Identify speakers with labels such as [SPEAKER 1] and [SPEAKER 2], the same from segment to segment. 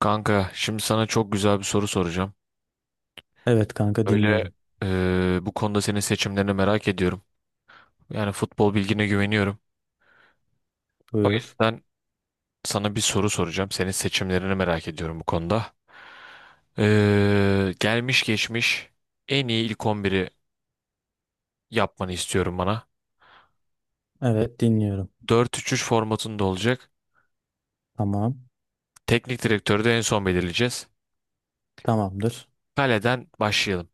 [SPEAKER 1] Kanka, şimdi sana çok güzel bir soru soracağım.
[SPEAKER 2] Evet kanka,
[SPEAKER 1] Böyle
[SPEAKER 2] dinliyorum.
[SPEAKER 1] bu konuda senin seçimlerini merak ediyorum. Yani futbol bilgine güveniyorum. O
[SPEAKER 2] Buyur.
[SPEAKER 1] yüzden sana bir soru soracağım. Senin seçimlerini merak ediyorum bu konuda. Gelmiş geçmiş en iyi ilk 11'i yapmanı istiyorum bana.
[SPEAKER 2] Evet, dinliyorum.
[SPEAKER 1] Dört üç üç formatında olacak.
[SPEAKER 2] Tamam.
[SPEAKER 1] Teknik direktörü de en son belirleyeceğiz.
[SPEAKER 2] Tamamdır.
[SPEAKER 1] Kaleden başlayalım.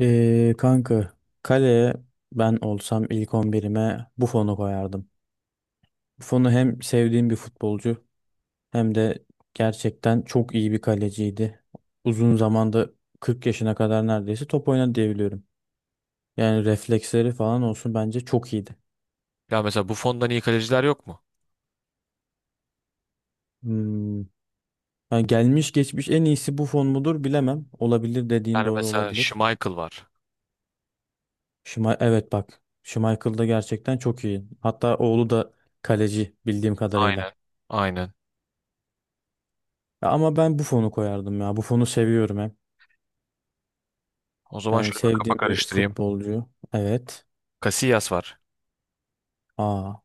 [SPEAKER 2] Kanka, kaleye ben olsam ilk 11'ime Buffon'u koyardım. Buffon'u hem sevdiğim bir futbolcu, hem de gerçekten çok iyi bir kaleciydi. Uzun zamanda 40 yaşına kadar neredeyse top oynadı diyebiliyorum. Yani refleksleri falan olsun, bence çok iyiydi.
[SPEAKER 1] Ya mesela Buffon'dan iyi kaleciler yok mu?
[SPEAKER 2] Hmm. Yani gelmiş geçmiş en iyisi Buffon mudur, bilemem. Olabilir, dediğin
[SPEAKER 1] Yani
[SPEAKER 2] doğru
[SPEAKER 1] mesela
[SPEAKER 2] olabilir.
[SPEAKER 1] Schmeichel var.
[SPEAKER 2] Şuma evet, bak. Schmeichel da gerçekten çok iyi. Hatta oğlu da kaleci bildiğim
[SPEAKER 1] Aynen.
[SPEAKER 2] kadarıyla.
[SPEAKER 1] Aynen.
[SPEAKER 2] Ya ama ben Buffon'u koyardım ya. Buffon'u seviyorum hem.
[SPEAKER 1] O zaman
[SPEAKER 2] Yani
[SPEAKER 1] şöyle bir kafa
[SPEAKER 2] sevdiğim bir
[SPEAKER 1] karıştırayım.
[SPEAKER 2] futbolcu. Evet.
[SPEAKER 1] Casillas var.
[SPEAKER 2] Aa,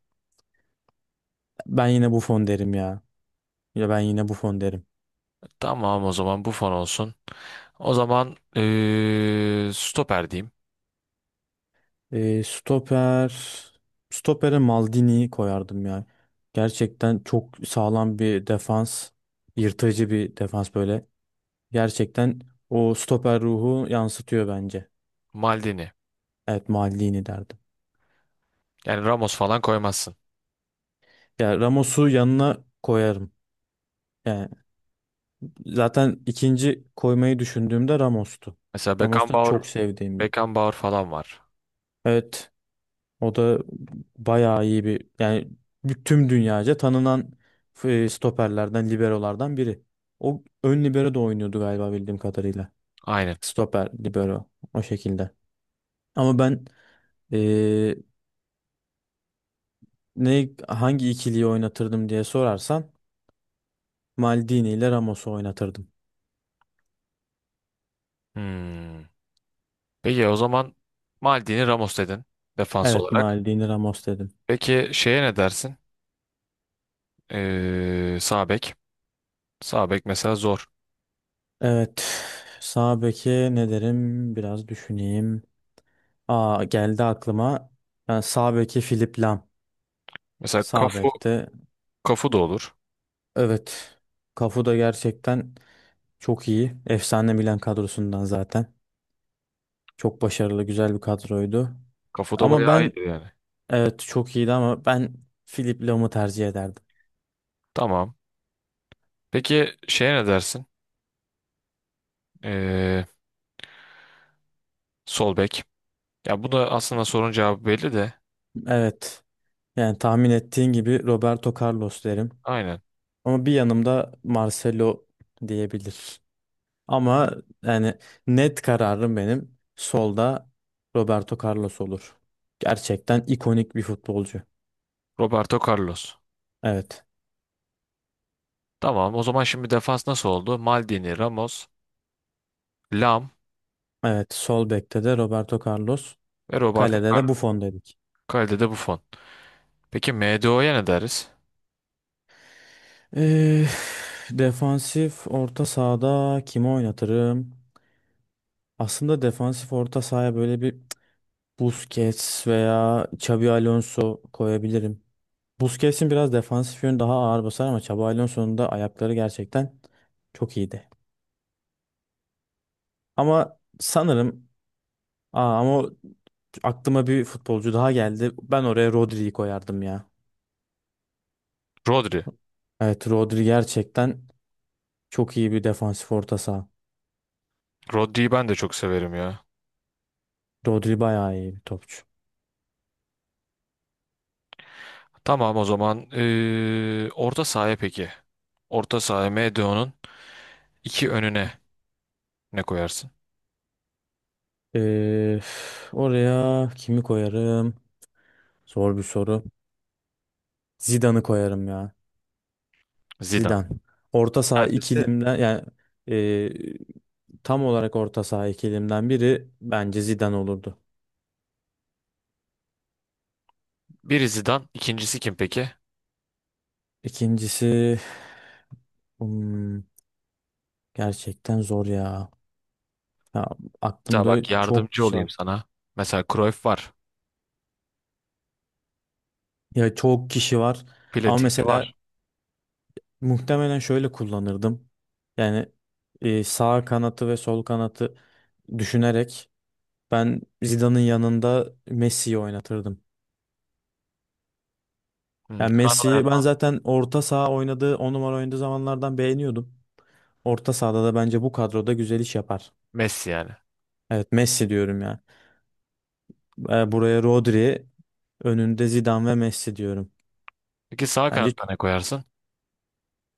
[SPEAKER 2] ben yine Buffon derim ya. Ya ben yine Buffon derim.
[SPEAKER 1] Tamam o zaman Buffon olsun. O zaman stoper diyeyim.
[SPEAKER 2] Ee, stoper stopere Maldini'yi koyardım ya. Gerçekten çok sağlam bir defans. Yırtıcı bir defans böyle. Gerçekten o stoper ruhu yansıtıyor bence.
[SPEAKER 1] Maldini.
[SPEAKER 2] Evet, Maldini derdim.
[SPEAKER 1] Yani Ramos falan koymazsın.
[SPEAKER 2] Ya, Ramos'u yanına koyarım. Yani zaten ikinci koymayı düşündüğümde Ramos'tu.
[SPEAKER 1] Mesela
[SPEAKER 2] Ramos da
[SPEAKER 1] Beckenbauer,
[SPEAKER 2] çok sevdiğim bir.
[SPEAKER 1] Beckenbauer falan var.
[SPEAKER 2] Evet, o da bayağı iyi bir, yani tüm dünyaca tanınan stoperlerden, liberolardan biri. O ön libero da oynuyordu galiba, bildiğim kadarıyla.
[SPEAKER 1] Aynen.
[SPEAKER 2] Stoper, libero o şekilde. Ama ben e, ne, hangi ikiliyi oynatırdım diye sorarsan Maldini ile Ramos'u oynatırdım.
[SPEAKER 1] Hmm. Peki o zaman Maldini Ramos dedin defans
[SPEAKER 2] Evet,
[SPEAKER 1] olarak.
[SPEAKER 2] Maldini Ramos dedim.
[SPEAKER 1] Peki şeye ne dersin? Sağ bek. Sağ bek mesela zor.
[SPEAKER 2] Evet. Sağ beke ne derim? Biraz düşüneyim. Aa, geldi aklıma. Yani sağ beki Philip Lam.
[SPEAKER 1] Mesela
[SPEAKER 2] Sağ
[SPEAKER 1] Kafu,
[SPEAKER 2] bekte.
[SPEAKER 1] Kafu da olur.
[SPEAKER 2] Evet. Cafu da gerçekten çok iyi. Efsane Milan kadrosundan zaten. Çok başarılı, güzel bir kadroydu.
[SPEAKER 1] Kafu da
[SPEAKER 2] Ama
[SPEAKER 1] bayağı
[SPEAKER 2] ben,
[SPEAKER 1] iyidir yani.
[SPEAKER 2] evet çok iyiydi ama ben Philip Lam'ı tercih ederdim.
[SPEAKER 1] Tamam. Peki şeye ne dersin? Eee Sol bek. Ya bu da aslında sorun cevabı belli de.
[SPEAKER 2] Evet. Yani tahmin ettiğin gibi Roberto Carlos derim.
[SPEAKER 1] Aynen.
[SPEAKER 2] Ama bir yanımda Marcelo diyebilir. Ama yani net kararım, benim solda Roberto Carlos olur. Gerçekten ikonik bir futbolcu.
[SPEAKER 1] Roberto Carlos.
[SPEAKER 2] Evet.
[SPEAKER 1] Tamam o zaman şimdi defans nasıl oldu? Maldini, Ramos, Lam
[SPEAKER 2] Evet. Sol bekte de Roberto Carlos.
[SPEAKER 1] ve Roberto
[SPEAKER 2] Kalede de
[SPEAKER 1] Carlos.
[SPEAKER 2] Buffon dedik.
[SPEAKER 1] Kalede bu Buffon. Peki MDO'ya ne deriz?
[SPEAKER 2] Ee, defansif orta sahada kimi oynatırım? Aslında defansif orta sahaya böyle bir Busquets veya Xabi Alonso koyabilirim. Busquets'in biraz defansif yönü daha ağır basar, ama Xabi Alonso'nun da ayakları gerçekten çok iyiydi. Ama sanırım, aa, ama o- aklıma bir futbolcu daha geldi. Ben oraya Rodri'yi koyardım ya.
[SPEAKER 1] Rodri.
[SPEAKER 2] Evet, Rodri gerçekten çok iyi bir defansif orta saha.
[SPEAKER 1] Rodri'yi ben de çok severim ya.
[SPEAKER 2] Rodri bayağı iyi bir topçu.
[SPEAKER 1] Tamam o zaman orta sahaya peki. Orta sahaya MDO'nun iki önüne ne koyarsın?
[SPEAKER 2] Oraya kimi koyarım? Zor bir soru. Zidane'ı koyarım ya.
[SPEAKER 1] Zidane.
[SPEAKER 2] Zidane. Orta saha
[SPEAKER 1] Kendisi.
[SPEAKER 2] ikilimden yani tam olarak orta saha ikilimden biri bence Zidane olurdu.
[SPEAKER 1] Biri Zidane, ikincisi kim peki?
[SPEAKER 2] İkincisi, hmm, gerçekten zor ya. Ya,
[SPEAKER 1] Mesela
[SPEAKER 2] aklımda
[SPEAKER 1] bak
[SPEAKER 2] çok
[SPEAKER 1] yardımcı
[SPEAKER 2] kişi
[SPEAKER 1] olayım
[SPEAKER 2] var.
[SPEAKER 1] sana. Mesela Cruyff var.
[SPEAKER 2] Ya, çok kişi var. Ama
[SPEAKER 1] Platini
[SPEAKER 2] mesela
[SPEAKER 1] var.
[SPEAKER 2] muhtemelen şöyle kullanırdım. Yani sağ kanatı ve sol kanatı düşünerek, ben Zidane'ın yanında Messi'yi oynatırdım.
[SPEAKER 1] Hmm,
[SPEAKER 2] Yani
[SPEAKER 1] kanat
[SPEAKER 2] Messi'yi ben
[SPEAKER 1] oynatmaz.
[SPEAKER 2] zaten orta saha oynadığı, 10 numara oynadığı zamanlardan beğeniyordum. Orta sahada da bence bu kadroda güzel iş yapar.
[SPEAKER 1] Messi yani.
[SPEAKER 2] Evet, Messi diyorum ya. Buraya Rodri, önünde Zidane ve Messi diyorum.
[SPEAKER 1] Peki sağ
[SPEAKER 2] Bence
[SPEAKER 1] kanatta ne koyarsın?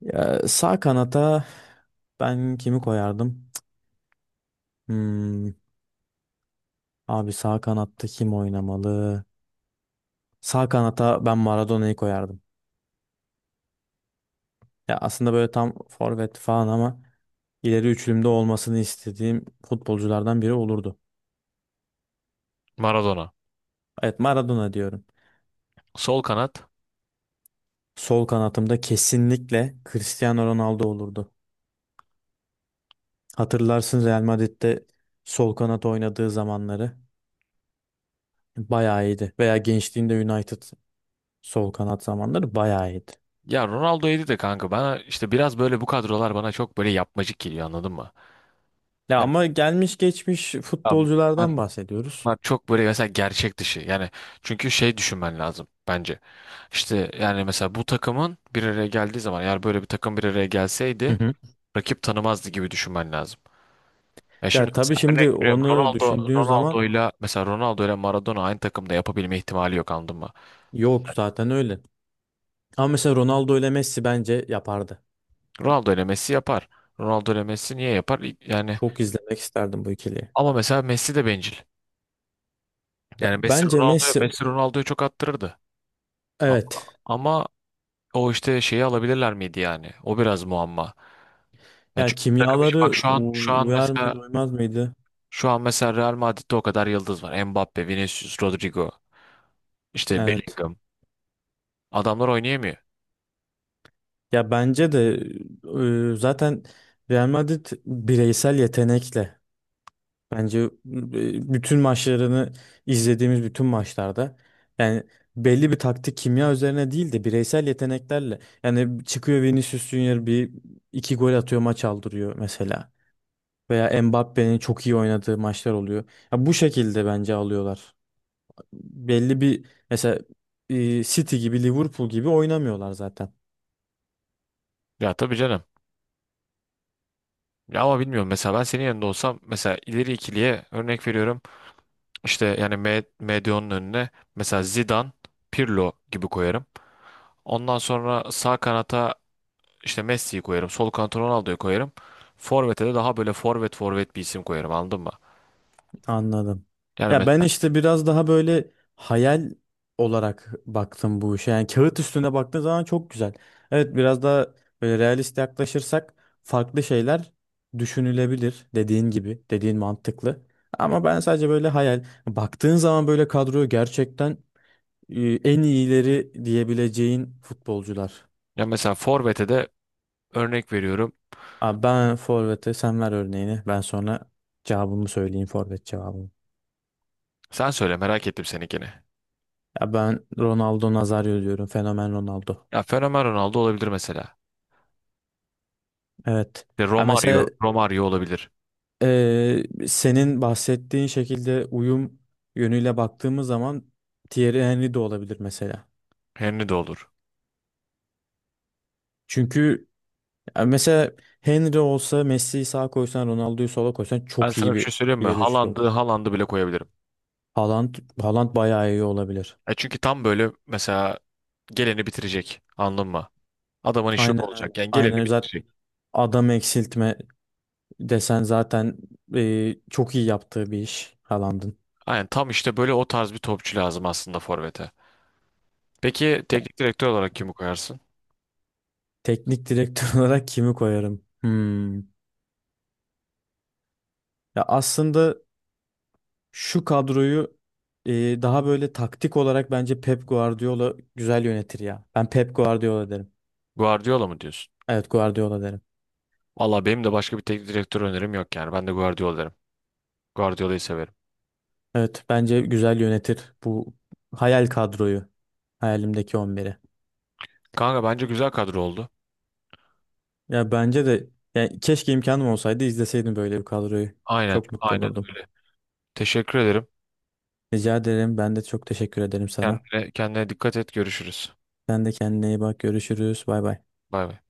[SPEAKER 2] Ya, sağ kanata ben kimi koyardım? Hmm, Abi, sağ kanatta kim oynamalı? Sağ kanata ben Maradona'yı koyardım. Ya, aslında böyle tam forvet falan ama ileri üçlümde olmasını istediğim futbolculardan biri olurdu.
[SPEAKER 1] Maradona.
[SPEAKER 2] Evet, Maradona diyorum.
[SPEAKER 1] Sol kanat.
[SPEAKER 2] Sol kanatımda kesinlikle Cristiano Ronaldo olurdu. Hatırlarsın, Real Madrid'de sol kanat oynadığı zamanları bayağı iyiydi. Veya gençliğinde United sol kanat zamanları bayağı iyiydi.
[SPEAKER 1] Ya Ronaldo yedi de kanka bana işte biraz böyle bu kadrolar bana çok böyle yapmacık geliyor anladın mı?
[SPEAKER 2] Ya,
[SPEAKER 1] Yani,
[SPEAKER 2] ama gelmiş geçmiş
[SPEAKER 1] ya bunlar,
[SPEAKER 2] futbolculardan bahsediyoruz.
[SPEAKER 1] bunlar çok böyle mesela gerçek dışı. Yani çünkü şey düşünmen lazım bence. İşte yani mesela bu takımın bir araya geldiği zaman eğer böyle bir takım bir araya
[SPEAKER 2] Hı
[SPEAKER 1] gelseydi
[SPEAKER 2] hı.
[SPEAKER 1] rakip tanımazdı gibi düşünmen lazım. Ya şimdi
[SPEAKER 2] Ya tabii,
[SPEAKER 1] mesela
[SPEAKER 2] şimdi
[SPEAKER 1] örnek veriyorum
[SPEAKER 2] onu düşündüğün zaman
[SPEAKER 1] Ronaldo'yla Maradona aynı takımda yapabilme ihtimali yok anladın mı?
[SPEAKER 2] yok zaten öyle. Ama mesela Ronaldo ile Messi bence yapardı.
[SPEAKER 1] Ronaldo ile Messi yapar. Ronaldo ile Messi niye yapar? Yani
[SPEAKER 2] Çok izlemek isterdim bu ikiliyi.
[SPEAKER 1] ama mesela Messi de bencil.
[SPEAKER 2] Ya
[SPEAKER 1] Yani Messi
[SPEAKER 2] bence
[SPEAKER 1] Ronaldo'ya
[SPEAKER 2] Messi,
[SPEAKER 1] Messi Ronaldo'ya çok attırırdı. A-
[SPEAKER 2] evet.
[SPEAKER 1] Ama o işte şeyi alabilirler miydi yani? O biraz muamma. Yani
[SPEAKER 2] Ya
[SPEAKER 1] çünkü takım işi
[SPEAKER 2] kimyaları
[SPEAKER 1] bak şu an şu an
[SPEAKER 2] uyar
[SPEAKER 1] mesela
[SPEAKER 2] mıydı, uymaz mıydı?
[SPEAKER 1] şu an mesela Real Madrid'de o kadar yıldız var. Mbappe, Vinicius, Rodrigo, işte
[SPEAKER 2] Evet.
[SPEAKER 1] Bellingham. Adamlar oynayamıyor.
[SPEAKER 2] Ya bence de, zaten Real Madrid bireysel yetenekle, bence, bütün maçlarını izlediğimiz bütün maçlarda yani belli bir taktik kimya üzerine değil de bireysel yeteneklerle, yani çıkıyor. Vinicius Junior bir iki gol atıyor, maç aldırıyor mesela. Veya Mbappe'nin çok iyi oynadığı maçlar oluyor. Ya bu şekilde bence alıyorlar. Belli bir mesela City gibi, Liverpool gibi oynamıyorlar zaten.
[SPEAKER 1] Ya tabii canım. Ya ama bilmiyorum mesela ben senin yanında olsam mesela ileri ikiliye örnek veriyorum. İşte yani Medyon'un önüne mesela Zidane, Pirlo gibi koyarım. Ondan sonra sağ kanata işte Messi'yi koyarım. Sol kanata Ronaldo'yu koyarım. Forvet'e de daha böyle forvet forvet bir isim koyarım anladın mı?
[SPEAKER 2] Anladım.
[SPEAKER 1] Yani
[SPEAKER 2] Ya ben
[SPEAKER 1] mesela,
[SPEAKER 2] işte biraz daha böyle hayal olarak baktım bu işe. Yani kağıt üstünde baktığın zaman çok güzel. Evet, biraz daha böyle realist yaklaşırsak farklı şeyler düşünülebilir, dediğin gibi. Dediğin mantıklı. Ama ben sadece böyle hayal. Baktığın zaman böyle kadroyu gerçekten en iyileri diyebileceğin futbolcular.
[SPEAKER 1] ya mesela forvet'e de örnek veriyorum.
[SPEAKER 2] Abi, ben forvete, sen ver örneğini. Ben sonra cevabımı söyleyeyim, forvet cevabımı.
[SPEAKER 1] Sen söyle merak ettim seninkini.
[SPEAKER 2] Ya ben Ronaldo Nazario diyorum. Fenomen Ronaldo.
[SPEAKER 1] Ya Fenomen Ronaldo olabilir mesela.
[SPEAKER 2] Evet.
[SPEAKER 1] İşte
[SPEAKER 2] Ya
[SPEAKER 1] Romario,
[SPEAKER 2] mesela
[SPEAKER 1] Romario olabilir.
[SPEAKER 2] e, senin bahsettiğin şekilde uyum yönüyle baktığımız zaman Thierry Henry de olabilir mesela.
[SPEAKER 1] Henry de olur.
[SPEAKER 2] Çünkü ya mesela Henry olsa, Messi'yi sağa koysan, Ronaldo'yu sola koysan
[SPEAKER 1] Ben
[SPEAKER 2] çok
[SPEAKER 1] sana
[SPEAKER 2] iyi
[SPEAKER 1] bir şey
[SPEAKER 2] bir
[SPEAKER 1] söyleyeyim mi?
[SPEAKER 2] ileri üçlü
[SPEAKER 1] Haaland'ı,
[SPEAKER 2] olur.
[SPEAKER 1] Haaland'ı bile koyabilirim.
[SPEAKER 2] Haaland, Haaland bayağı iyi olabilir.
[SPEAKER 1] E çünkü tam böyle mesela geleni bitirecek. Anladın mı? Adamın işi o
[SPEAKER 2] Aynen öyle.
[SPEAKER 1] olacak. Yani geleni
[SPEAKER 2] Aynen öyle. Zaten
[SPEAKER 1] bitirecek.
[SPEAKER 2] adam eksiltme desen zaten çok iyi yaptığı bir iş Haaland'ın.
[SPEAKER 1] Aynen tam işte böyle o tarz bir topçu lazım aslında forvete. Peki
[SPEAKER 2] Ya,
[SPEAKER 1] teknik direktör olarak kimi koyarsın?
[SPEAKER 2] teknik direktör olarak kimi koyarım? Hmm. Ya aslında şu kadroyu e, daha böyle taktik olarak bence Pep Guardiola güzel yönetir ya. Ben Pep Guardiola derim.
[SPEAKER 1] Guardiola mı diyorsun?
[SPEAKER 2] Evet, Guardiola derim.
[SPEAKER 1] Valla benim de başka bir teknik direktör önerim yok yani. Ben de Guardiola derim. Guardiola'yı severim.
[SPEAKER 2] Evet, bence güzel yönetir bu hayal kadroyu. Hayalimdeki 11'i.
[SPEAKER 1] Kanka bence güzel kadro oldu.
[SPEAKER 2] Ya bence de, yani keşke imkanım olsaydı, izleseydim böyle bir kadroyu.
[SPEAKER 1] Aynen,
[SPEAKER 2] Çok mutlu
[SPEAKER 1] aynen
[SPEAKER 2] olurdum.
[SPEAKER 1] öyle. Teşekkür ederim.
[SPEAKER 2] Rica ederim. Ben de çok teşekkür ederim sana.
[SPEAKER 1] Kendine dikkat et. Görüşürüz.
[SPEAKER 2] Sen de kendine iyi bak. Görüşürüz. Bay bay.
[SPEAKER 1] Bay bay.